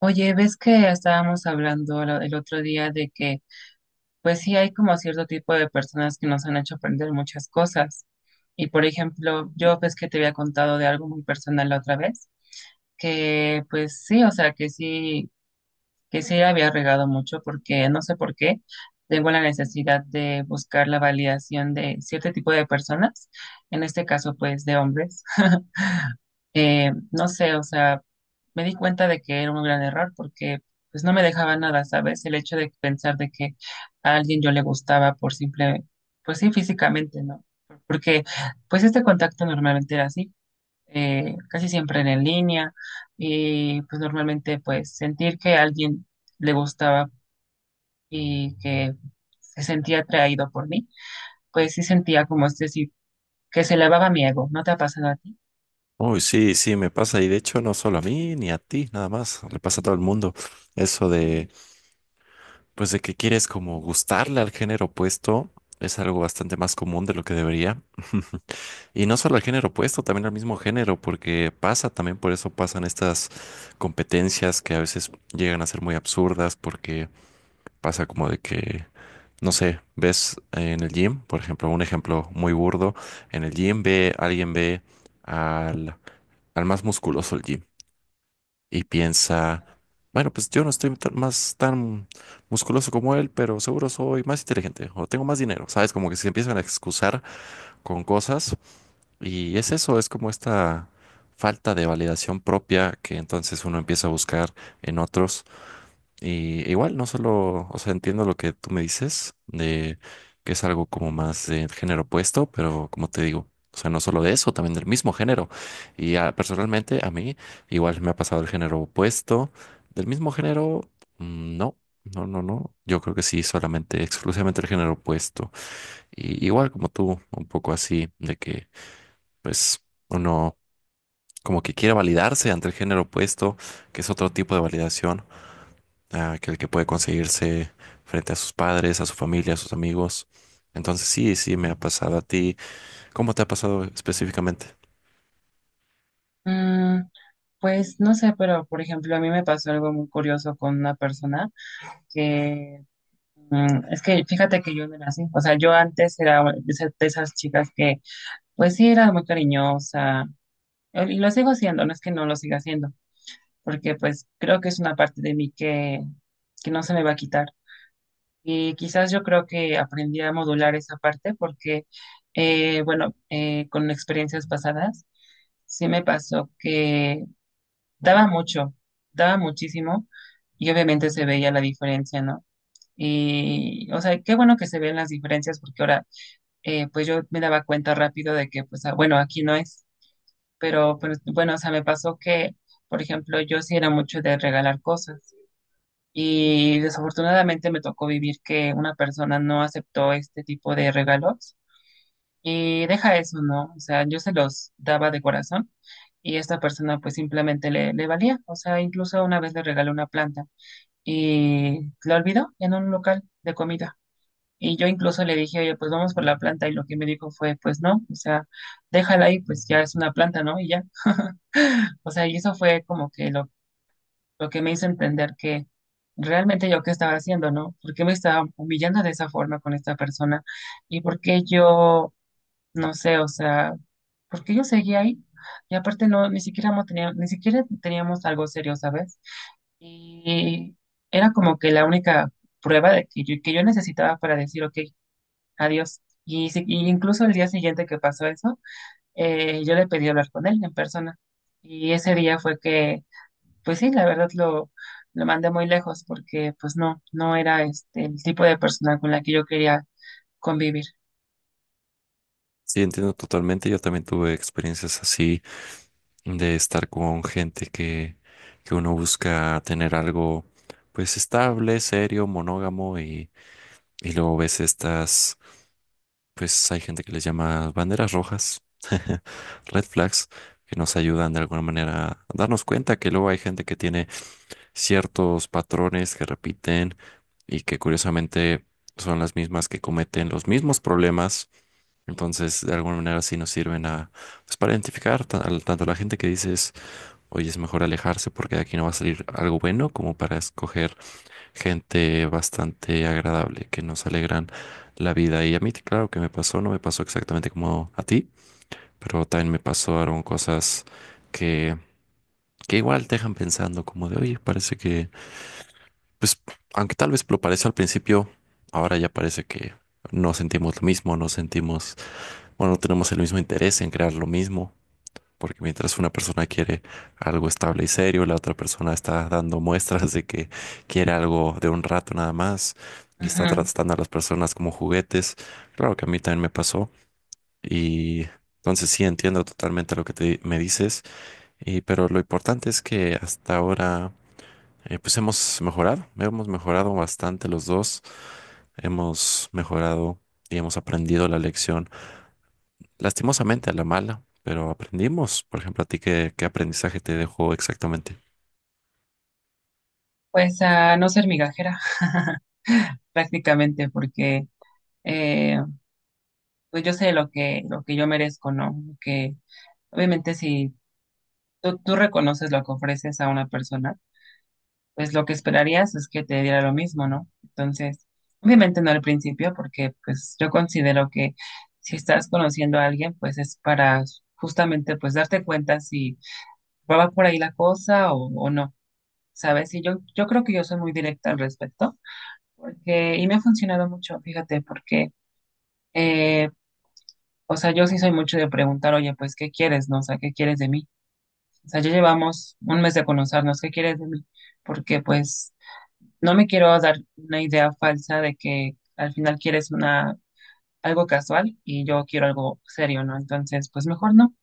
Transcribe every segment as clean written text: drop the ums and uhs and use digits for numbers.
Oye, ves que estábamos hablando el otro día de que, pues sí hay como cierto tipo de personas que nos han hecho aprender muchas cosas. Y por ejemplo, yo ves que te había contado de algo muy personal la otra vez, que pues sí, o sea, que sí había regado mucho porque no sé por qué tengo la necesidad de buscar la validación de cierto tipo de personas, en este caso pues de hombres. No sé, o sea, me di cuenta de que era un gran error porque pues no me dejaba nada, ¿sabes? El hecho de pensar de que a alguien yo le gustaba por simple, pues sí, físicamente, ¿no? Porque pues este contacto normalmente era así, casi siempre era en línea y pues normalmente pues sentir que a alguien le gustaba y que se sentía atraído por mí, pues sí sentía como este, sí, que se elevaba mi ego, ¿no te ha pasado a ti? Uy, sí, sí, me pasa. Y de hecho, no solo a mí ni a ti, nada más. Le pasa a todo el mundo. Eso de, pues, de que quieres como gustarle al género opuesto es algo bastante más común de lo que debería. Y no solo al género opuesto, también al mismo género, porque pasa, también por eso pasan estas competencias que a veces llegan a ser muy absurdas, porque pasa como de que, no sé, ves en el gym, por ejemplo, un ejemplo muy burdo, en el gym ve, alguien ve al, al más musculoso el gym. Y piensa, bueno, pues yo no estoy más tan musculoso como él, pero seguro soy más inteligente o tengo más dinero, ¿sabes? Como que se empiezan a excusar con cosas y es eso, es como esta falta de validación propia que entonces uno empieza a buscar en otros y e igual, no solo, o sea, entiendo lo que tú me dices, de que es algo como más de género opuesto, pero como te digo, o sea, no solo de eso, también del mismo género. Y ah, personalmente, a mí, igual me ha pasado el género opuesto. Del mismo género, no, no, no, no. Yo creo que sí, solamente, exclusivamente el género opuesto. Y igual como tú, un poco así, de que, pues, uno como que quiere validarse ante el género opuesto, que es otro tipo de validación ah, aquel que puede conseguirse frente a sus padres, a su familia, a sus amigos. Entonces sí, sí, me ha pasado a ti. ¿Cómo te ha pasado específicamente? Mm, Pues no sé, pero por ejemplo, a mí me pasó algo muy curioso con una persona que es que fíjate que yo no era así. O sea, yo antes era de esas chicas que, pues sí, era muy cariñosa, y lo sigo haciendo, no es que no lo siga haciendo, porque pues creo que es una parte de mí que no se me va a quitar. Y quizás yo creo que aprendí a modular esa parte porque, bueno, con experiencias pasadas, sí me pasó que daba mucho, daba muchísimo y obviamente se veía la diferencia, ¿no? Y, o sea, qué bueno que se ven las diferencias porque ahora, pues yo me daba cuenta rápido de que, pues, ah, bueno, aquí no es, pero, pues, bueno, o sea, me pasó que, por ejemplo, yo sí era mucho de regalar cosas y desafortunadamente me tocó vivir que una persona no aceptó este tipo de regalos y deja eso, ¿no? O sea, yo se los daba de corazón y esta persona pues simplemente le valía. O sea, incluso una vez le regalé una planta y la olvidó en un local de comida. Y yo incluso le dije, oye, pues vamos por la planta y lo que me dijo fue, pues no, o sea, déjala ahí, pues ya es una planta, ¿no? Y ya. O sea, y eso fue como que lo que me hizo entender que realmente yo qué estaba haciendo, ¿no? ¿Por qué me estaba humillando de esa forma con esta persona? ¿Y por qué yo, no sé, o sea, porque yo seguía ahí y aparte no, ni siquiera ni siquiera teníamos algo serio, ¿sabes? Y era como que la única prueba de que yo necesitaba para decir, ok, adiós. Y, y incluso el día siguiente que pasó eso, yo le pedí hablar con él en persona. Y ese día fue que, pues sí, la verdad lo mandé muy lejos porque pues no, no era este el tipo de persona con la que yo quería convivir. Sí, entiendo totalmente. Yo también tuve experiencias así de estar con gente que uno busca tener algo pues estable, serio, monógamo y luego ves estas, pues hay gente que les llama banderas rojas, red flags, que nos ayudan de alguna manera a darnos cuenta que luego hay gente que tiene ciertos patrones que repiten y que curiosamente son las mismas que cometen los mismos problemas. Entonces, de alguna manera sí nos sirven a, pues, para identificar tanto a la gente que dices, oye, es mejor alejarse porque de aquí no va a salir algo bueno, como para escoger gente bastante agradable que nos alegran la vida. Y a mí, claro que me pasó, no me pasó exactamente como a ti, pero también me pasaron cosas que, que igual te dejan pensando como de, oye, parece que pues, aunque tal vez lo pareció al principio, ahora ya parece que no sentimos lo mismo, no sentimos, bueno, no tenemos el mismo interés en crear lo mismo, porque mientras una persona quiere algo estable y serio, la otra persona está dando muestras de que quiere algo de un rato nada más y está Ujú. tratando a las personas como juguetes. Claro que a mí también me pasó y entonces sí entiendo totalmente lo que me dices, y, pero lo importante es que hasta ahora pues hemos mejorado bastante los dos, hemos mejorado y hemos aprendido la lección, lastimosamente a la mala, pero aprendimos. Por ejemplo, a ti, ¿qué, qué aprendizaje te dejó exactamente? Pues a no ser migajera, prácticamente porque eh, pues yo sé lo que yo merezco, ¿no? Que obviamente si tú reconoces lo que ofreces a una persona, pues lo que esperarías es que te diera lo mismo, ¿no? Entonces, obviamente no al principio, porque pues yo considero que si estás conociendo a alguien, pues es para justamente pues darte cuenta si va por ahí la cosa o no, ¿sabes? Y yo creo que yo soy muy directa al respecto, porque, y me ha funcionado mucho, fíjate, porque eh, o sea, yo sí soy mucho de preguntar, oye, pues, ¿qué quieres, no? O sea, ¿qué quieres de mí? O sea, ya llevamos un mes de conocernos, ¿qué quieres de mí? Porque, pues, no me quiero dar una idea falsa de que al final quieres una, algo casual y yo quiero algo serio, ¿no? Entonces, pues, mejor no.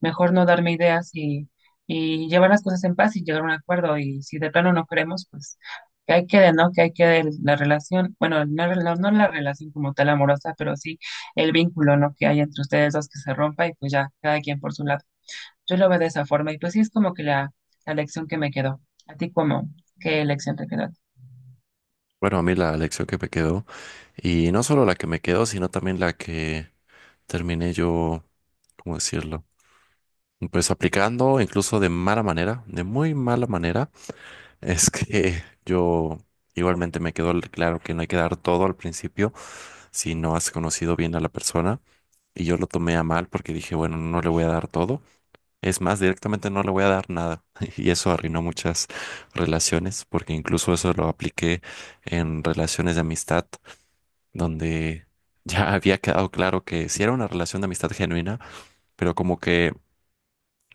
Mejor no darme ideas y llevar las cosas en paz y llegar a un acuerdo. Y si de plano no queremos, pues que ahí quede, ¿no? Que ahí quede la relación, bueno, no, no la relación como tal amorosa, pero sí el vínculo, ¿no? Que hay entre ustedes dos que se rompa y pues ya, cada quien por su lado. Yo lo veo de esa forma y pues sí es como que la lección que me quedó. ¿A ti cómo? ¿Qué lección te quedó? Bueno, a mí la lección que me quedó, y no solo la que me quedó, sino también la que terminé yo, ¿cómo decirlo? Pues aplicando incluso de mala manera, de muy mala manera, es que yo igualmente me quedó claro que no hay que dar todo al principio si no has conocido bien a la persona. Y yo lo tomé a mal porque dije, bueno, no le voy a dar todo. Es más, directamente no le voy a dar nada. Y eso arruinó muchas relaciones, porque incluso eso lo apliqué en relaciones de amistad, donde ya había quedado claro que sí era una relación de amistad genuina, pero como que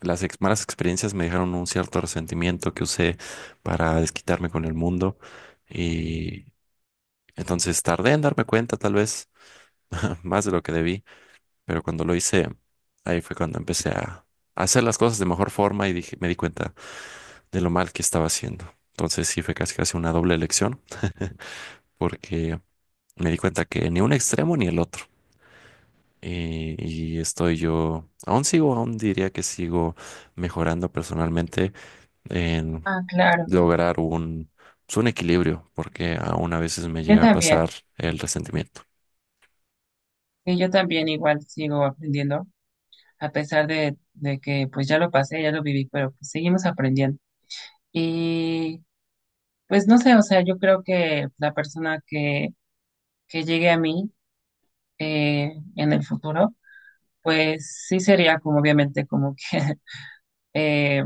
las malas experiencias me dejaron un cierto resentimiento que usé para desquitarme con el mundo. Y entonces tardé en darme cuenta, tal vez más de lo que debí. Pero cuando lo hice, ahí fue cuando empecé a hacer las cosas de mejor forma y dije, me di cuenta de lo mal que estaba haciendo. Entonces sí fue casi casi una doble elección porque me di cuenta que ni un extremo ni el otro. Y, y estoy yo, aún sigo, aún diría que sigo mejorando personalmente en Ah, claro. lograr un, pues, un equilibrio, porque aún a veces me Yo llega a también. pasar el resentimiento. Sí, yo también igual sigo aprendiendo, a pesar de que pues ya lo pasé, ya lo viví, pero pues seguimos aprendiendo. Y pues no sé, o sea, yo creo que la persona que llegue a mí en el futuro, pues sí sería como obviamente como que, eh,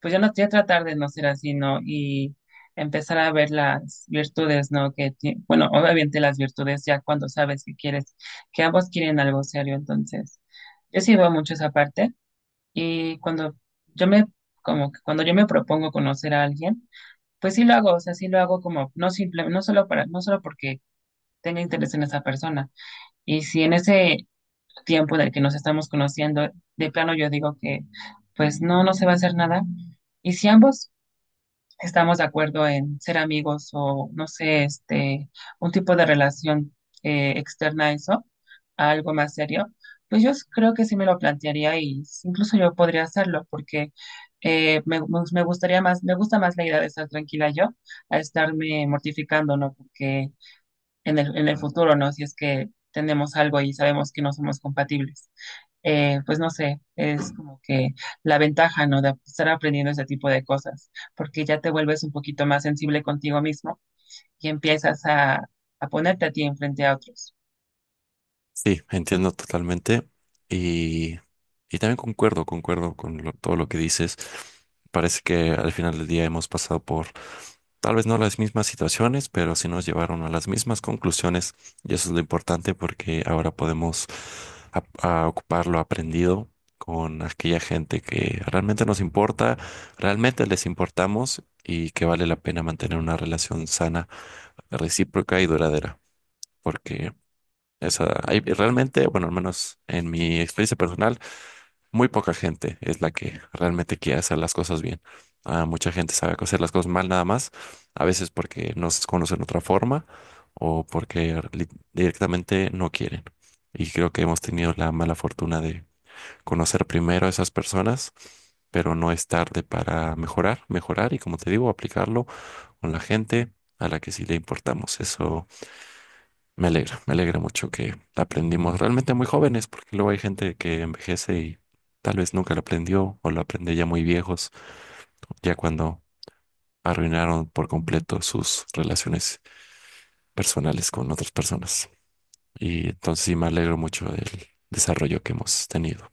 pues yo no ya tratar de no ser así, ¿no? Y empezar a ver las virtudes, ¿no? Bueno, obviamente las virtudes ya cuando sabes que quieres, que ambos quieren algo serio, entonces yo sí veo mucho esa parte y cuando yo me, como que cuando yo me propongo conocer a alguien, pues sí lo hago, o sea, sí lo hago como, no simple, no solo para, no solo porque tenga interés en esa persona. Y si en ese tiempo del que nos estamos conociendo, de plano yo digo que, pues no, no se va a hacer nada. Y si ambos estamos de acuerdo en ser amigos o, no sé, este, un tipo de relación externa a eso, a algo más serio, pues creo que sí me lo plantearía y incluso yo podría hacerlo porque me gustaría más, me gusta más la idea de estar tranquila yo a estarme mortificando, ¿no? Porque en en el futuro, ¿no? Si es que tenemos algo y sabemos que no somos compatibles, pues no sé, es como que la ventaja, ¿no? De estar aprendiendo ese tipo de cosas, porque ya te vuelves un poquito más sensible contigo mismo y empiezas a ponerte a ti enfrente a otros. Sí, entiendo totalmente y, y también concuerdo, concuerdo con todo lo que dices. Parece que al final del día hemos pasado por tal vez no las mismas situaciones, pero sí nos llevaron a las mismas conclusiones y eso es lo importante porque ahora podemos a ocupar lo aprendido con aquella gente que realmente nos importa, realmente les importamos y que vale la pena mantener una relación sana, recíproca y duradera. Porque esa, hay realmente, bueno, al menos en mi experiencia personal, muy poca gente es la que realmente quiere hacer las cosas bien. Ah, mucha gente sabe hacer las cosas mal nada más, a veces porque no se conocen otra forma o porque directamente no quieren. Y creo que hemos tenido la mala fortuna de conocer primero a esas personas, pero no es tarde para mejorar, mejorar y como te digo, aplicarlo con la gente a la que sí le importamos. Eso me alegra mucho que la aprendimos realmente muy jóvenes, porque luego hay gente que envejece y tal vez nunca lo aprendió o lo aprende ya muy viejos, ya cuando arruinaron por completo sus relaciones personales con otras personas. Y entonces sí me alegro mucho del desarrollo que hemos tenido.